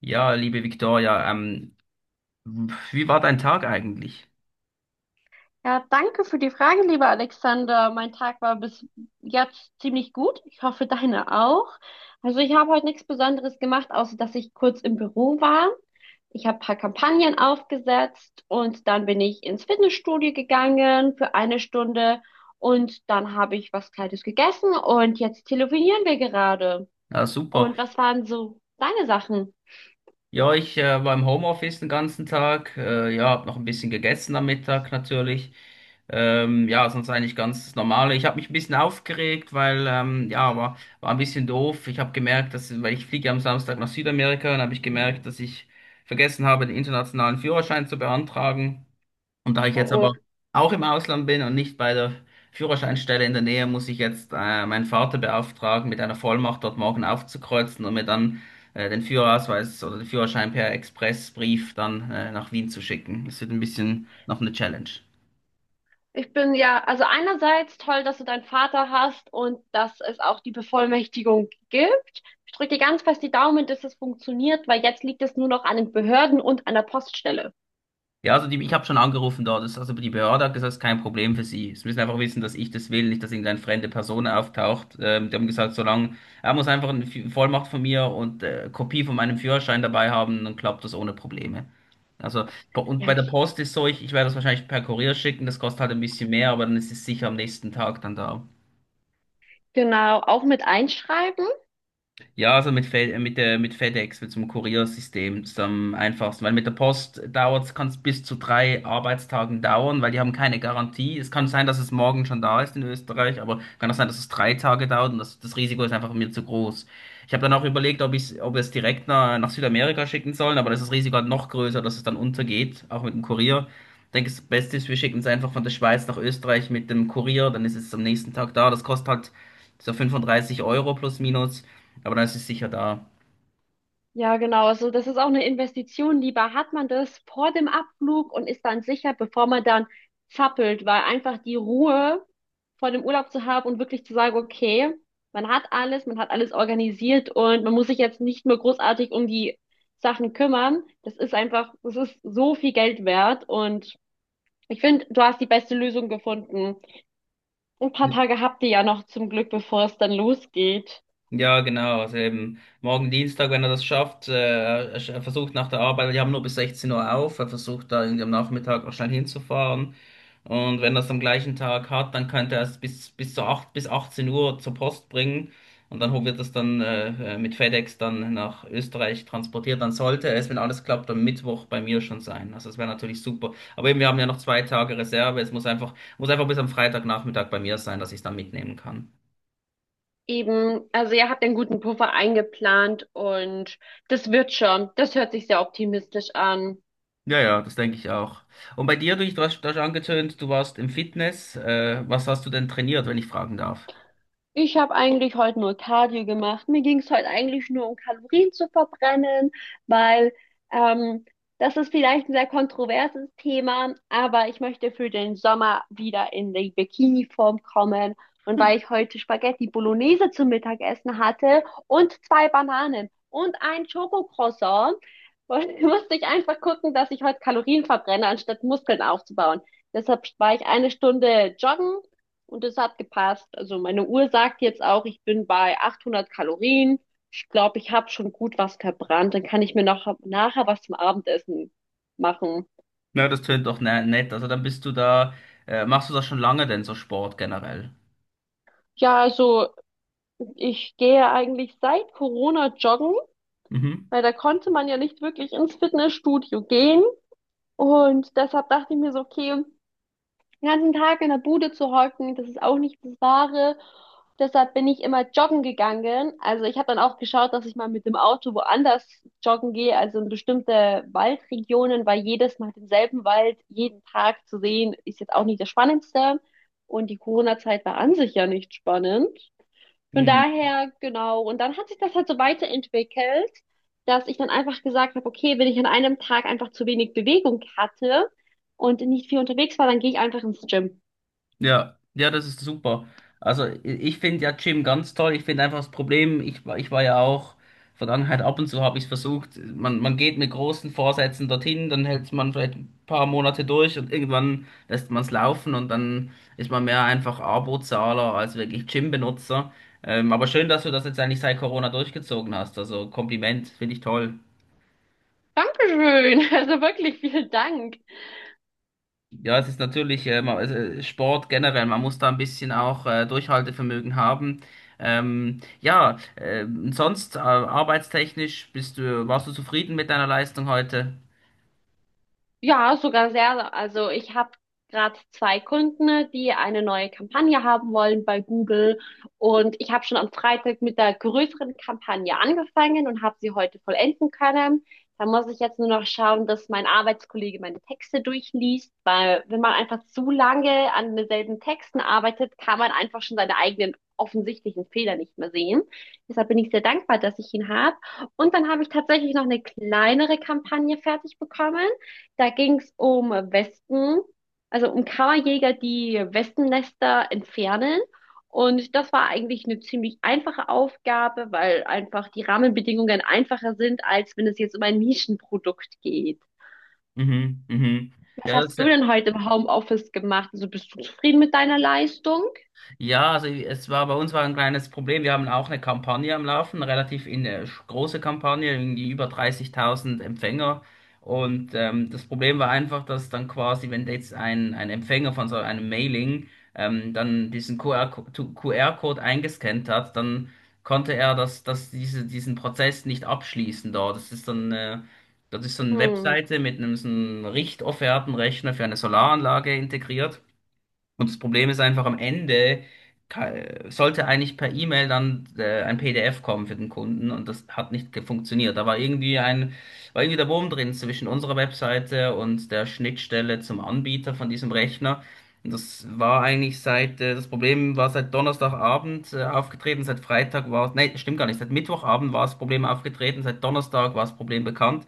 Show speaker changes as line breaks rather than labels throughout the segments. Ja, liebe Victoria, wie war dein Tag eigentlich?
Ja, danke für die Frage, lieber Alexander. Mein Tag war bis jetzt ziemlich gut. Ich hoffe, deine auch. Also ich habe heute nichts Besonderes gemacht, außer dass ich kurz im Büro war. Ich habe ein paar Kampagnen aufgesetzt und dann bin ich ins Fitnessstudio gegangen für eine Stunde und dann habe ich was Kleines gegessen und jetzt telefonieren wir gerade.
Ja, super.
Und was waren so deine Sachen?
Ja, ich war im Homeoffice den ganzen Tag. Ja, hab noch ein bisschen gegessen am Mittag natürlich. Ja, sonst eigentlich ganz normal. Ich habe mich ein bisschen aufgeregt, weil ja, war ein bisschen doof. Ich habe gemerkt, dass, weil ich fliege ja am Samstag nach Südamerika, dann habe ich gemerkt, dass ich vergessen habe, den internationalen Führerschein zu beantragen. Und da ich
Oh,
jetzt
oh.
aber auch im Ausland bin und nicht bei der Führerscheinstelle in der Nähe, muss ich jetzt meinen Vater beauftragen, mit einer Vollmacht dort morgen aufzukreuzen und mir dann den Führerausweis oder den Führerschein per Expressbrief dann nach Wien zu schicken. Das wird ein bisschen noch eine Challenge.
Ich bin ja, also einerseits toll, dass du deinen Vater hast und dass es auch die Bevollmächtigung gibt. Ich drücke dir ganz fest die Daumen, dass es funktioniert, weil jetzt liegt es nur noch an den Behörden und an der Poststelle.
Ja, also die, ich habe schon angerufen dort. Das, also die Behörde hat gesagt, es ist kein Problem für sie. Sie müssen einfach wissen, dass ich das will, nicht, dass irgendeine fremde Person auftaucht. Die haben gesagt, solange er muss einfach eine Vollmacht von mir und Kopie von meinem Führerschein dabei haben, dann klappt das ohne Probleme. Also, und
Ja,
bei der
okay.
Post ist so, ich werde das wahrscheinlich per Kurier schicken, das kostet halt ein bisschen mehr, aber dann ist es sicher am nächsten Tag dann da.
Genau, auch mit einschreiben.
Ja, also mit FedEx, mit so einem Kuriersystem, ist am einfachsten. Weil mit der Post dauert kann es bis zu drei Arbeitstagen dauern, weil die haben keine Garantie. Es kann sein, dass es morgen schon da ist in Österreich, aber kann auch sein, dass es drei Tage dauert und das Risiko ist einfach mir zu groß. Ich habe dann auch überlegt, ob ich, ob wir es direkt nach Südamerika schicken sollen, aber das ist das Risiko halt noch größer, dass es dann untergeht, auch mit dem Kurier. Ich denke, das Beste ist, wir schicken es einfach von der Schweiz nach Österreich mit dem Kurier, dann ist es am nächsten Tag da. Das kostet halt so 35 Euro plus minus. Aber dann ist es sicher da.
Ja, genau. Also das ist auch eine Investition. Lieber hat man das vor dem Abflug und ist dann sicher, bevor man dann zappelt, weil einfach die Ruhe vor dem Urlaub zu haben und wirklich zu sagen, okay, man hat alles organisiert und man muss sich jetzt nicht mehr großartig um die Sachen kümmern. Das ist einfach, das ist so viel Geld wert und ich finde, du hast die beste Lösung gefunden. Ein paar Tage habt ihr ja noch zum Glück, bevor es dann losgeht.
Ja, genau. Also eben morgen Dienstag, wenn er das schafft, er versucht nach der Arbeit, wir haben nur bis 16 Uhr auf, er versucht da irgendwie am Nachmittag noch schnell hinzufahren. Und wenn er es am gleichen Tag hat, dann könnte er es bis zu 8 bis 18 Uhr zur Post bringen. Und dann wird es dann mit FedEx dann nach Österreich transportiert. Dann sollte es, wenn alles klappt, am Mittwoch bei mir schon sein. Also das wäre natürlich super. Aber eben, wir haben ja noch zwei Tage Reserve. Muss einfach bis am Freitagnachmittag bei mir sein, dass ich es dann mitnehmen kann.
Eben, also ihr habt einen guten Puffer eingeplant und das wird schon. Das hört sich sehr optimistisch an.
Ja, ja, das denke ich auch. Und bei dir, du hast angetönt, du warst im Fitness. Was hast du denn trainiert, wenn ich fragen darf?
Ich habe eigentlich heute nur Cardio gemacht. Mir ging es heute eigentlich nur um Kalorien zu verbrennen, weil ähm, das ist vielleicht ein sehr kontroverses Thema, aber ich möchte für den Sommer wieder in die Bikini-Form kommen. Und weil ich heute Spaghetti Bolognese zum Mittagessen hatte und zwei Bananen und ein Schokocroissant, musste ich einfach gucken, dass ich heute Kalorien verbrenne, anstatt Muskeln aufzubauen. Deshalb war ich eine Stunde joggen und es hat gepasst. Also meine Uhr sagt jetzt auch, ich bin bei 800 Kalorien. Ich glaube, ich habe schon gut was verbrannt. Dann kann ich mir noch nachher was zum Abendessen machen.
Na, das tönt doch ne nett. Also dann bist du da, machst du das schon lange denn, so Sport generell?
Ja, also ich gehe eigentlich seit Corona joggen, weil da konnte man ja nicht wirklich ins Fitnessstudio gehen. Und deshalb dachte ich mir so, okay, den ganzen Tag in der Bude zu hocken, das ist auch nicht das Wahre. Deshalb bin ich immer joggen gegangen. Also ich habe dann auch geschaut, dass ich mal mit dem Auto woanders joggen gehe, also in bestimmte Waldregionen, weil jedes Mal denselben Wald jeden Tag zu sehen, ist jetzt auch nicht das Spannendste. Und die Corona-Zeit war an sich ja nicht spannend. Von
Mhm.
daher, genau. Und dann hat sich das halt so weiterentwickelt, dass ich dann einfach gesagt habe, okay, wenn ich an einem Tag einfach zu wenig Bewegung hatte und nicht viel unterwegs war, dann gehe ich einfach ins Gym.
Ja, ja, das ist super. Also ich finde ja Gym ganz toll. Ich finde einfach das Problem, ich war ja auch, Vergangenheit ab und zu habe ich es versucht, man geht mit großen Vorsätzen dorthin, dann hält man vielleicht ein paar Monate durch und irgendwann lässt man es laufen und dann ist man mehr einfach Abozahler als wirklich Gym-Benutzer. Aber schön, dass du das jetzt eigentlich seit Corona durchgezogen hast. Also Kompliment, finde ich toll.
Dankeschön. Also wirklich vielen Dank.
Ja, es ist natürlich Sport generell, man muss da ein bisschen auch Durchhaltevermögen haben. Ja, Sonst arbeitstechnisch warst du zufrieden mit deiner Leistung heute?
Ja, sogar sehr. Also ich habe gerade zwei Kunden, ne, die eine neue Kampagne haben wollen bei Google und ich habe schon am Freitag mit der größeren Kampagne angefangen und habe sie heute vollenden können. Da muss ich jetzt nur noch schauen, dass mein Arbeitskollege meine Texte durchliest, weil wenn man einfach zu lange an denselben Texten arbeitet, kann man einfach schon seine eigenen offensichtlichen Fehler nicht mehr sehen. Deshalb bin ich sehr dankbar, dass ich ihn habe. Und dann habe ich tatsächlich noch eine kleinere Kampagne fertig bekommen. Da ging es um Wespen, also um Kammerjäger, die Wespennester entfernen. Und das war eigentlich eine ziemlich einfache Aufgabe, weil einfach die Rahmenbedingungen einfacher sind, als wenn es jetzt um ein Nischenprodukt geht.
Mhm, mhm.
Was
Ja, das,
hast du denn heute im Homeoffice gemacht? Also bist du zufrieden mit deiner Leistung?
Ja, also es war bei uns war ein kleines Problem. Wir haben auch eine Kampagne am Laufen, eine relativ große Kampagne, irgendwie über 30.000 Empfänger. Und das Problem war einfach, dass dann quasi, wenn jetzt ein Empfänger von so einem Mailing dann diesen QR-Code eingescannt hat, dann konnte er diesen Prozess nicht abschließen dort. Das ist dann, das ist so eine
Hm.
Webseite mit so einem Richtoffertenrechner für eine Solaranlage integriert. Und das Problem ist einfach, am Ende ka- sollte eigentlich per E-Mail dann ein PDF kommen für den Kunden und das hat nicht funktioniert. Da war war irgendwie der Wurm drin zwischen unserer Webseite und der Schnittstelle zum Anbieter von diesem Rechner. Und das war eigentlich das Problem war seit Donnerstagabend aufgetreten, seit Freitag war es, nee, stimmt gar nicht, seit Mittwochabend war das Problem aufgetreten, seit Donnerstag war das Problem bekannt.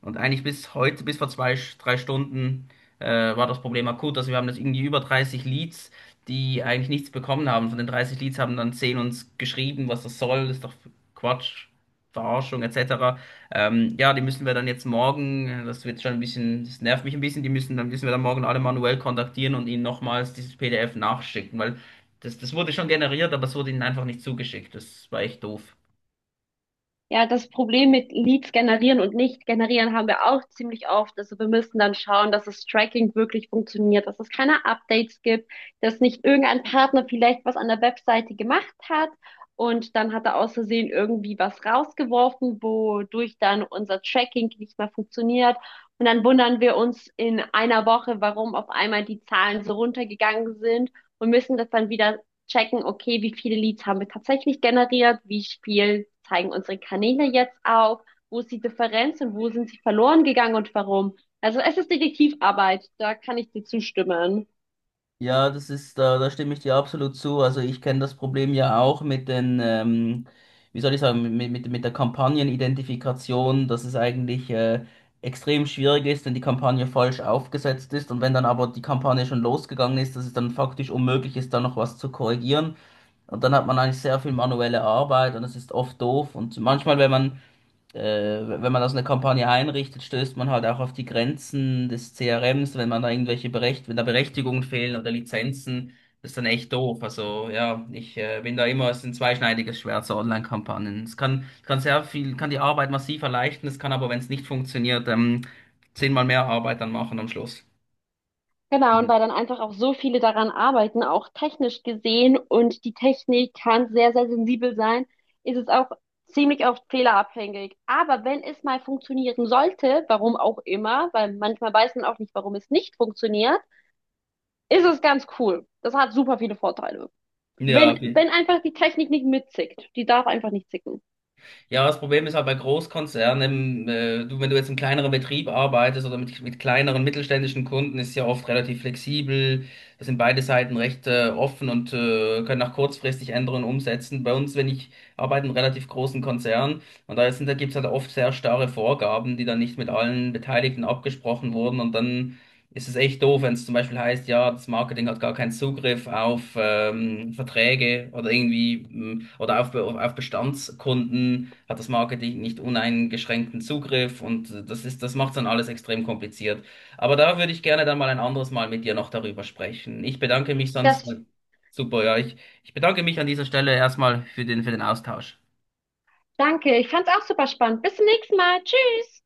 Und eigentlich bis heute, bis vor zwei, drei Stunden war das Problem akut. Also wir haben das irgendwie über 30 Leads, die eigentlich nichts bekommen haben. Von den 30 Leads haben dann 10 uns geschrieben, was das soll, ist doch Quatsch, Verarschung etc. Ja, die müssen wir dann jetzt morgen, das wird schon ein bisschen, das nervt mich ein bisschen, die müssen wir dann morgen alle manuell kontaktieren und ihnen nochmals dieses PDF nachschicken, weil das, das wurde schon generiert, aber es wurde ihnen einfach nicht zugeschickt. Das war echt doof.
Ja, das Problem mit Leads generieren und nicht generieren haben wir auch ziemlich oft. Also wir müssen dann schauen, dass das Tracking wirklich funktioniert, dass es keine Updates gibt, dass nicht irgendein Partner vielleicht was an der Webseite gemacht hat und dann hat er aus Versehen irgendwie was rausgeworfen, wodurch dann unser Tracking nicht mehr funktioniert. Und dann wundern wir uns in einer Woche, warum auf einmal die Zahlen so runtergegangen sind und müssen das dann wieder checken, okay, wie viele Leads haben wir tatsächlich generiert, wie viel zeigen unsere Kanäle jetzt auf, wo ist die Differenz und wo sind sie verloren gegangen und warum. Also es ist Detektivarbeit, da kann ich dir zustimmen.
Ja, das ist, da stimme ich dir absolut zu. Also ich kenne das Problem ja auch mit den, wie soll ich sagen, mit der Kampagnenidentifikation, dass es eigentlich extrem schwierig ist, wenn die Kampagne falsch aufgesetzt ist und wenn dann aber die Kampagne schon losgegangen ist, dass es dann faktisch unmöglich ist, da noch was zu korrigieren. Und dann hat man eigentlich sehr viel manuelle Arbeit und das ist oft doof. Und manchmal, wenn man wenn man das eine Kampagne einrichtet, stößt man halt auch auf die Grenzen des CRMs, wenn man da irgendwelche Berecht wenn da Berechtigungen fehlen oder Lizenzen, das ist dann echt doof. Also ja, ich bin da immer, es ist ein zweischneidiges Schwert, so Online-Kampagnen. Es kann, kann sehr viel, kann die Arbeit massiv erleichtern, es kann aber, wenn es nicht funktioniert, 10-mal mehr Arbeit dann machen am Schluss.
Genau, und weil dann einfach auch so viele daran arbeiten, auch technisch gesehen, und die Technik kann sehr, sehr sensibel sein, ist es auch ziemlich oft fehlerabhängig. Aber wenn es mal funktionieren sollte, warum auch immer, weil manchmal weiß man auch nicht, warum es nicht funktioniert, ist es ganz cool. Das hat super viele Vorteile.
Ja,
Wenn, wenn einfach die Technik nicht mitzickt. Die darf einfach nicht zicken.
ja, das Problem ist halt bei Großkonzernen, wenn du jetzt im kleineren Betrieb arbeitest oder mit kleineren mittelständischen Kunden, ist es ja oft relativ flexibel. Da sind beide Seiten recht offen und können auch kurzfristig Änderungen umsetzen. Bei uns, wenn ich arbeite in einem relativ großen Konzern und da gibt es halt oft sehr starre Vorgaben, die dann nicht mit allen Beteiligten abgesprochen wurden und dann ist es echt doof, wenn es zum Beispiel heißt, ja, das Marketing hat gar keinen Zugriff auf Verträge oder oder auf, auf Bestandskunden hat das Marketing nicht uneingeschränkten Zugriff und das ist, das macht dann alles extrem kompliziert. Aber da würde ich gerne dann mal ein anderes Mal mit dir noch darüber sprechen. Ich bedanke mich sonst.
Das,
Super, ich bedanke mich an dieser Stelle erstmal für den Austausch.
danke. Ich fand's auch super spannend. Bis zum nächsten Mal. Tschüss.